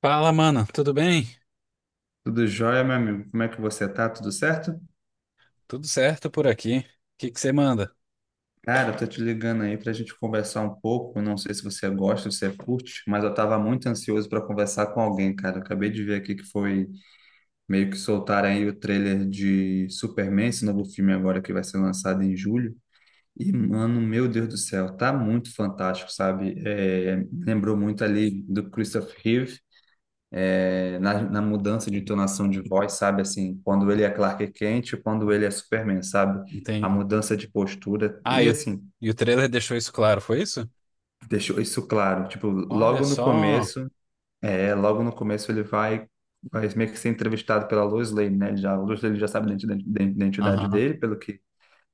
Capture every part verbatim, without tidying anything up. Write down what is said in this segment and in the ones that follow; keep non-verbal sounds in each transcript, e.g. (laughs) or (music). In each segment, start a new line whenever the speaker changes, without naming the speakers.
Fala, mano, tudo bem?
Tudo jóia, meu amigo? Como é que você tá? Tudo certo?
Tudo certo por aqui. O que que você manda?
Cara, eu tô te ligando aí pra gente conversar um pouco. Não sei se você gosta, se você curte, mas eu tava muito ansioso para conversar com alguém, cara. Eu acabei de ver aqui que foi meio que soltaram aí o trailer de Superman, esse novo filme agora que vai ser lançado em julho. E, mano, meu Deus do céu, tá muito fantástico, sabe? É, lembrou muito ali do Christopher Reeve, na, na mudança de entonação de voz, sabe? Assim, quando ele é Clark Kent, quando ele é Superman, sabe? A
Entendi.
mudança de postura.
Ah,
E
e o,
assim,
e o trailer deixou isso claro, foi isso?
deixou isso claro. Tipo,
Olha
logo no
só.
começo, é, logo no começo ele vai, vai meio que ser entrevistado pela Lois Lane, né? Ele Já, a Lois Lane já sabe da identi- da identidade
Aham.
dele, pelo que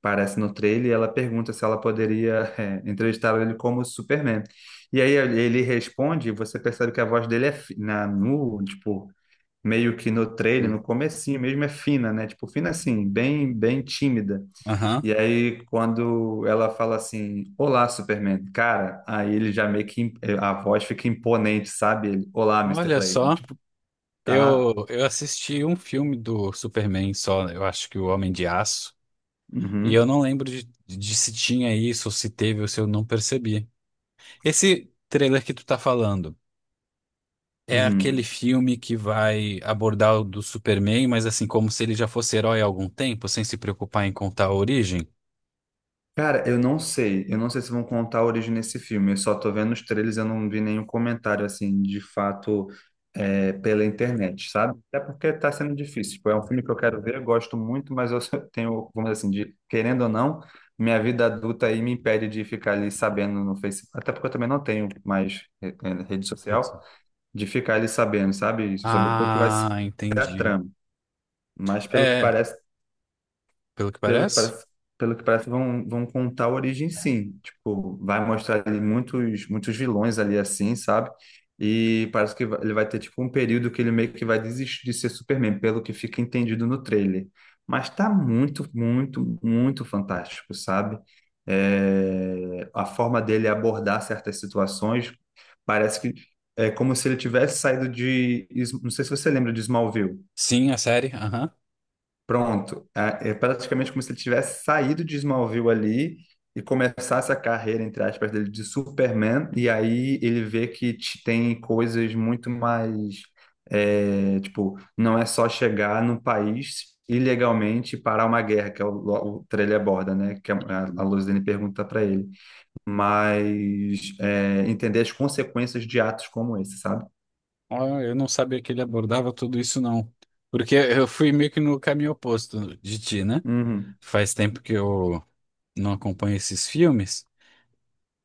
parece no trailer, e ela pergunta se ela poderia, é, entrevistar ele como Superman. E aí ele responde, e você percebe que a voz dele é fi- na, no, tipo, meio que no trailer,
Hum.
no comecinho mesmo, é fina, né? Tipo, fina assim, bem, bem tímida.
Aham.
E aí, quando ela fala assim, olá, Superman, cara, aí ele já meio que a voz fica imponente, sabe? Ele, olá, mister
Olha
Lane.
só.
Tipo, tá,
Eu, eu assisti um filme do Superman só, eu acho que o Homem de Aço, e
uhum,
eu não lembro de, de se tinha isso, ou se teve, ou se eu não percebi. Esse trailer que tu tá falando. É aquele
uhum.
filme que vai abordar o do Superman, mas assim, como se ele já fosse herói há algum tempo, sem se preocupar em contar a origem?
Cara, eu não sei. Eu não sei se vão contar a origem desse filme. Eu só tô vendo os trailers, eu não vi nenhum comentário, assim, de fato, é, pela internet, sabe? Até porque tá sendo difícil. Tipo, é um filme que eu quero ver, eu gosto muito, mas eu (laughs) só tenho, vamos dizer assim, de, querendo ou não, minha vida adulta aí me impede de ficar ali sabendo no Facebook. Até porque eu também não tenho mais re- eh, rede
Isso.
social, de ficar ali sabendo, sabe? Sobre o que vai ser
Ah,
a
entendi.
trama. Mas pelo que
É,
parece,
pelo que
pelo que
parece?
parece, pelo que parece, vão, vão contar a origem, sim. Tipo, vai mostrar ali muitos, muitos vilões ali assim, sabe? E parece que vai- ele vai ter tipo um período que ele meio que vai desistir de ser Superman, pelo que fica entendido no trailer. Mas tá muito, muito, muito fantástico, sabe? É, a forma dele abordar certas situações parece que é como se ele tivesse saído de. Não sei se você lembra de Smallville.
Sim, a série, aham.
Pronto, é é praticamente como se ele tivesse saído de Smallville ali e começasse a carreira, entre aspas, dele de Superman, e aí ele vê que te- tem coisas muito mais, é, tipo, não é só chegar no país ilegalmente e parar uma guerra, que é o, o trailer aborda, né, que é, a, a Luzene pergunta para ele, mas é, entender as consequências de atos como esse, sabe?
Ó, eu não sabia que ele abordava tudo isso, não. Porque eu fui meio que no caminho oposto de ti, né?
Uhum,
Faz tempo que eu não acompanho esses filmes.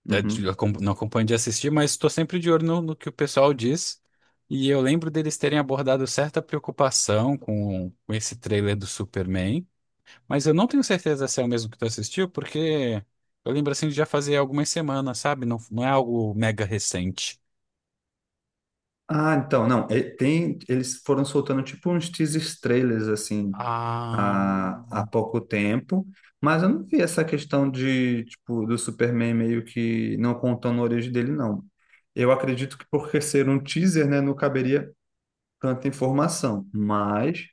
É, de-
uhum.
acom- não acompanho de assistir, mas estou sempre de olho no, no que o pessoal diz. E eu lembro deles terem abordado certa preocupação com, com esse trailer do Superman, mas eu não tenho certeza se é o mesmo que tu assistiu, porque eu lembro assim de já fazer algumas semanas, sabe? Não, não é algo mega recente.
Ah, então, não, e- tem, eles foram soltando tipo uns teasers trailers, assim,
Ah,
há, há pouco tempo, mas eu não vi essa questão de, tipo, do Superman meio que não contando a origem dele, não. Eu acredito que por ser um teaser, né, não caberia tanta informação, mas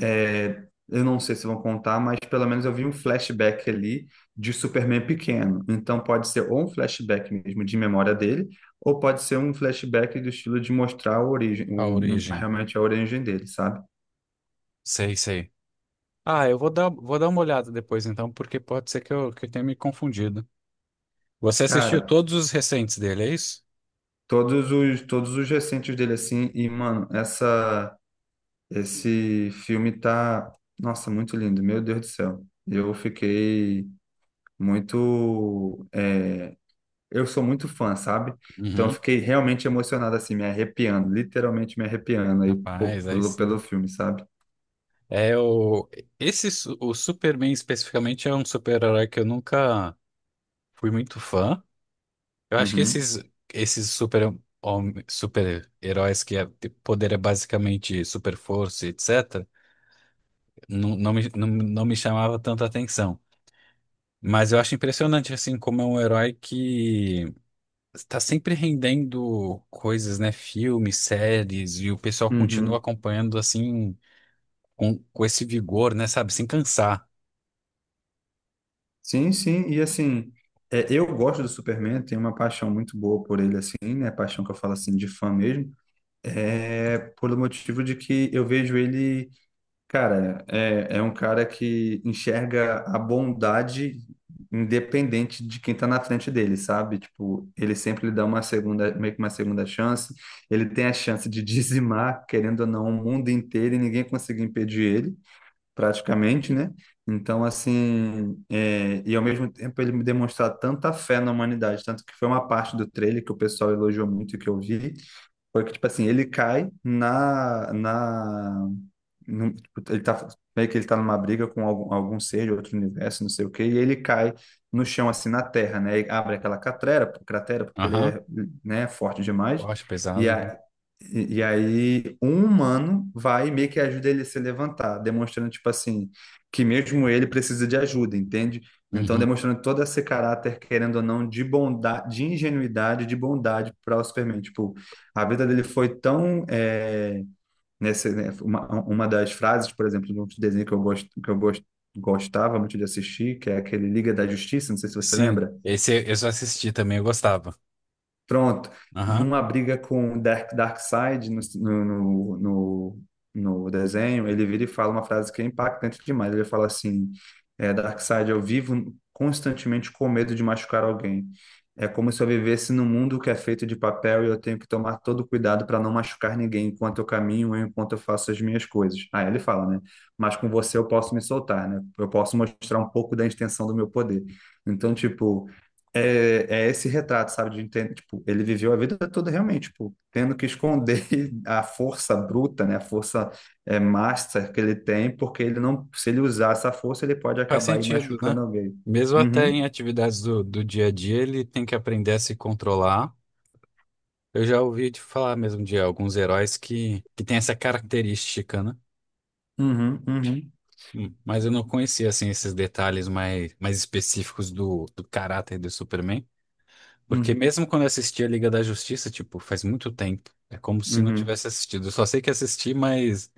é, eu não sei se vão contar, mas pelo menos eu vi um flashback ali de Superman pequeno. Então pode ser ou um flashback mesmo de memória dele, ou pode ser um flashback do estilo de mostrar a origem,
a
um- um-
origem.
realmente a origem dele, sabe?
Sei, sei. Ah, eu vou dar, vou dar uma olhada depois então, porque pode ser que eu, que eu tenha me confundido. Você assistiu
Cara,
todos os recentes dele, é isso?
todos os todos os recentes dele assim. E mano, essa esse filme tá, nossa, muito lindo, meu Deus do céu. Eu fiquei muito, é, eu sou muito fã, sabe? Então eu
Uhum.
fiquei realmente emocionado, assim, me arrepiando, literalmente me arrepiando aí pô,
Rapaz, aí
pelo,
sim.
pelo filme, sabe?
É o Esse su- o Superman especificamente é um super-herói que eu nunca fui muito fã. Eu acho que
Uhum,
esses esses super hom- super-heróis que é, de poder é basicamente super força, et cetera. Não, não me não, não me chamava tanta atenção. Mas eu acho impressionante assim como é um herói que está sempre rendendo coisas, né, filmes, séries e o pessoal continua
uhum.
acompanhando assim com, com esse vigor, né, sabe, sem cansar.
Sim, sim, e assim, é, eu gosto do Superman, tenho uma paixão muito boa por ele, assim, né? Paixão que eu falo, assim, de fã mesmo, é pelo motivo de que eu vejo ele. Cara, é, é um cara que enxerga a bondade independente de quem tá na frente dele, sabe? Tipo, ele sempre lhe dá uma segunda, meio que uma segunda chance. Ele tem a chance de (laughs) dizimar, querendo ou não, o mundo inteiro e ninguém conseguir impedir ele, praticamente, né? Então, assim, é, e ao mesmo tempo ele me demonstrar tanta fé na humanidade, tanto que foi uma parte do trailer que o pessoal elogiou muito e que eu vi, foi que, tipo assim, ele cai na, na num- tipo, ele tá meio que ele tá numa briga com algum, algum ser de outro universo, não sei o quê, e ele cai no chão assim na terra, né? E abre aquela cratera, cratera porque ele
Aham.
é, né, forte demais.
Eu acho
E,
pesado.
a, e, e aí um humano vai e meio que ajuda ele a se levantar, demonstrando tipo assim que mesmo ele precisa de ajuda, entende? Então
Uhum.
demonstrando todo esse caráter, querendo ou não, de bondade, de ingenuidade, de bondade para o Superman. Tipo, a vida dele foi tão, eh, nessa, né, uma, uma das frases, por exemplo, de um desenho que eu, gosto, que eu gost, gostava muito de assistir, que é aquele Liga da Justiça, não sei se você
Sim,
lembra.
esse eu só assisti também, eu gostava.
Pronto,
Aham.
numa briga com o Dark, Darkseid no, no, no, no desenho, ele vira e fala uma frase que é impactante demais. Ele fala assim: é, Darkseid, eu vivo constantemente com medo de machucar alguém. É como se eu vivesse num mundo que é feito de papel e eu tenho que tomar todo cuidado para não machucar ninguém enquanto eu caminho, enquanto eu faço as minhas coisas. Aí ele fala, né? Mas com você eu posso me soltar, né? Eu posso mostrar um pouco da extensão do meu poder. Então, tipo. É, é esse retrato, sabe, de entender, tipo, ele viveu a vida toda realmente, tipo, tendo que esconder (laughs) a força bruta, né, a força, é, master que ele tem, porque ele não, se ele usar essa força, ele pode
Faz
acabar aí
sentido, né?
machucando alguém.
Mesmo até
Uhum,
em atividades do, do dia a dia, ele tem que aprender a se controlar. Eu já ouvi te falar mesmo de alguns heróis que, que têm essa característica, né?
uhum, uhum,
Hum, mas eu não conhecia, assim, esses detalhes mais, mais específicos do, do caráter do Superman. Porque
uhum,
mesmo quando eu assisti a Liga da Justiça, tipo, faz muito tempo. É como se não
uhum.
tivesse assistido. Eu só sei que assisti, mas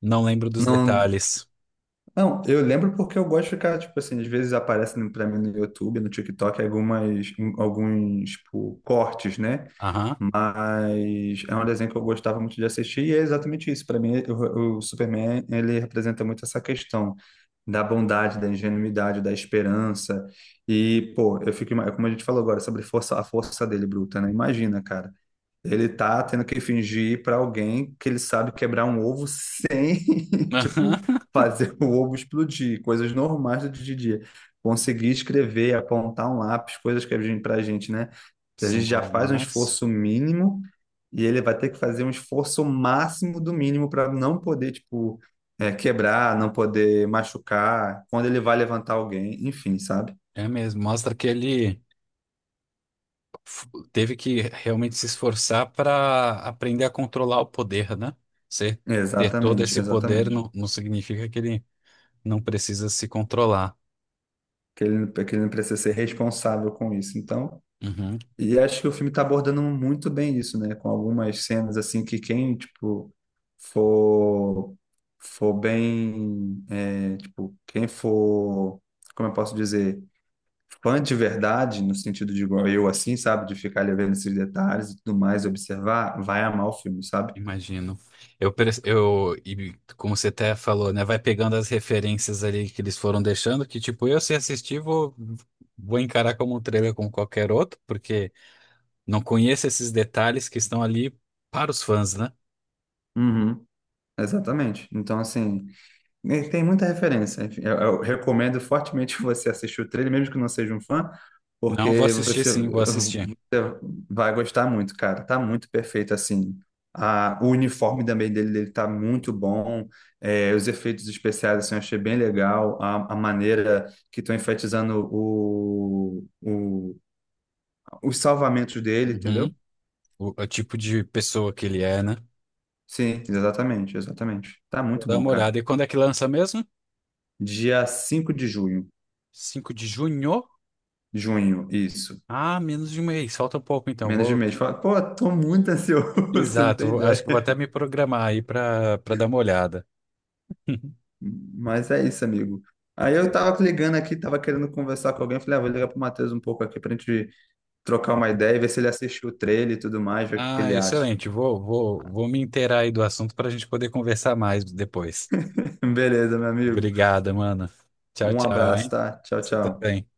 não lembro dos
Não,
detalhes.
não, eu lembro porque eu gosto de ficar, tipo assim, às vezes aparecem pra mim no YouTube, no TikTok, algumas, alguns, tipo, cortes, né?
Aham.
Mas é um desenho que eu gostava muito de assistir e é exatamente isso. Para mim, o, o Superman, ele representa muito essa questão da bondade, da ingenuidade, da esperança. E, pô, eu fico, ima- como a gente falou agora, sobre força, a força dele bruta, né? Imagina, cara. Ele tá tendo que fingir para alguém que ele sabe quebrar um ovo sem, (laughs) tipo,
(laughs)
fazer o ovo explodir, coisas normais do dia a dia. Conseguir escrever, apontar um lápis, coisas que a gente, pra gente, né? A gente já
Sumou
faz um
Marx.
esforço mínimo e ele vai ter que fazer um esforço máximo do mínimo para não poder, tipo, é, quebrar, não poder machucar, quando ele vai levantar alguém, enfim, sabe?
É mesmo, mostra que ele f- teve que realmente se esforçar para aprender a controlar o poder, né? Você ter todo
Exatamente,
esse poder
exatamente.
não, não significa que ele não precisa se controlar.
Que ele, que ele não precisa ser responsável com isso. Então,
Uhum,
e acho que o filme está abordando muito bem isso, né? Com algumas cenas, assim, que quem, tipo, for, for bem, é, tipo, quem for, como eu posso dizer? Fã de verdade, no sentido de igual eu, assim, sabe? De ficar ali vendo esses detalhes e tudo mais, observar, vai amar o filme, sabe?
imagino. Eu, pre- eu, e como você até falou, né? Vai pegando as referências ali que eles foram deixando, que tipo, eu se assistir, vou, vou encarar como um trailer como qualquer outro, porque não conheço esses detalhes que estão ali para os fãs, né?
Uhum, exatamente. Então, assim. Ele tem muita referência. Enfim, Eu, eu recomendo fortemente (laughs) você assistir o trailer, mesmo que não seja um fã,
Não, vou
porque
assistir
você,
sim, vou assistir.
você vai gostar muito, cara. Tá muito perfeito, assim. A, o uniforme também dele, dele tá muito bom. É, os efeitos especiais, assim, eu achei bem legal. A, a maneira que estão enfatizando o, o, os salvamentos dele,
Uhum.
entendeu?
O, o tipo de pessoa que ele é, né?
Sim, exatamente, exatamente. Tá
Vou
muito
dar
bom,
uma
cara.
olhada. E quando é que lança mesmo?
Dia cinco de junho.
Cinco de junho?
Junho, isso.
Ah, menos de um mês. Falta um pouco então.
Menos de
Vou.
mês. Fala, pô, tô muito ansioso, (laughs) você não
Exato,
tem
vou- acho
ideia.
que vou até me programar aí para para dar uma olhada. (laughs)
Mas é isso, amigo. Aí eu tava ligando aqui, tava querendo conversar com alguém. Falei, ah, vou ligar pro Matheus um pouco aqui pra gente trocar uma ideia e ver se ele assistiu o trailer e tudo mais, ver o que que
Ah,
ele acha.
excelente. Vou, vou, vou me inteirar aí do assunto para a gente poder conversar mais depois.
(laughs) Beleza, meu amigo.
Obrigada, mano. Tchau,
Um
tchau,
abraço,
hein?
tá? Tchau,
Você
tchau.
também.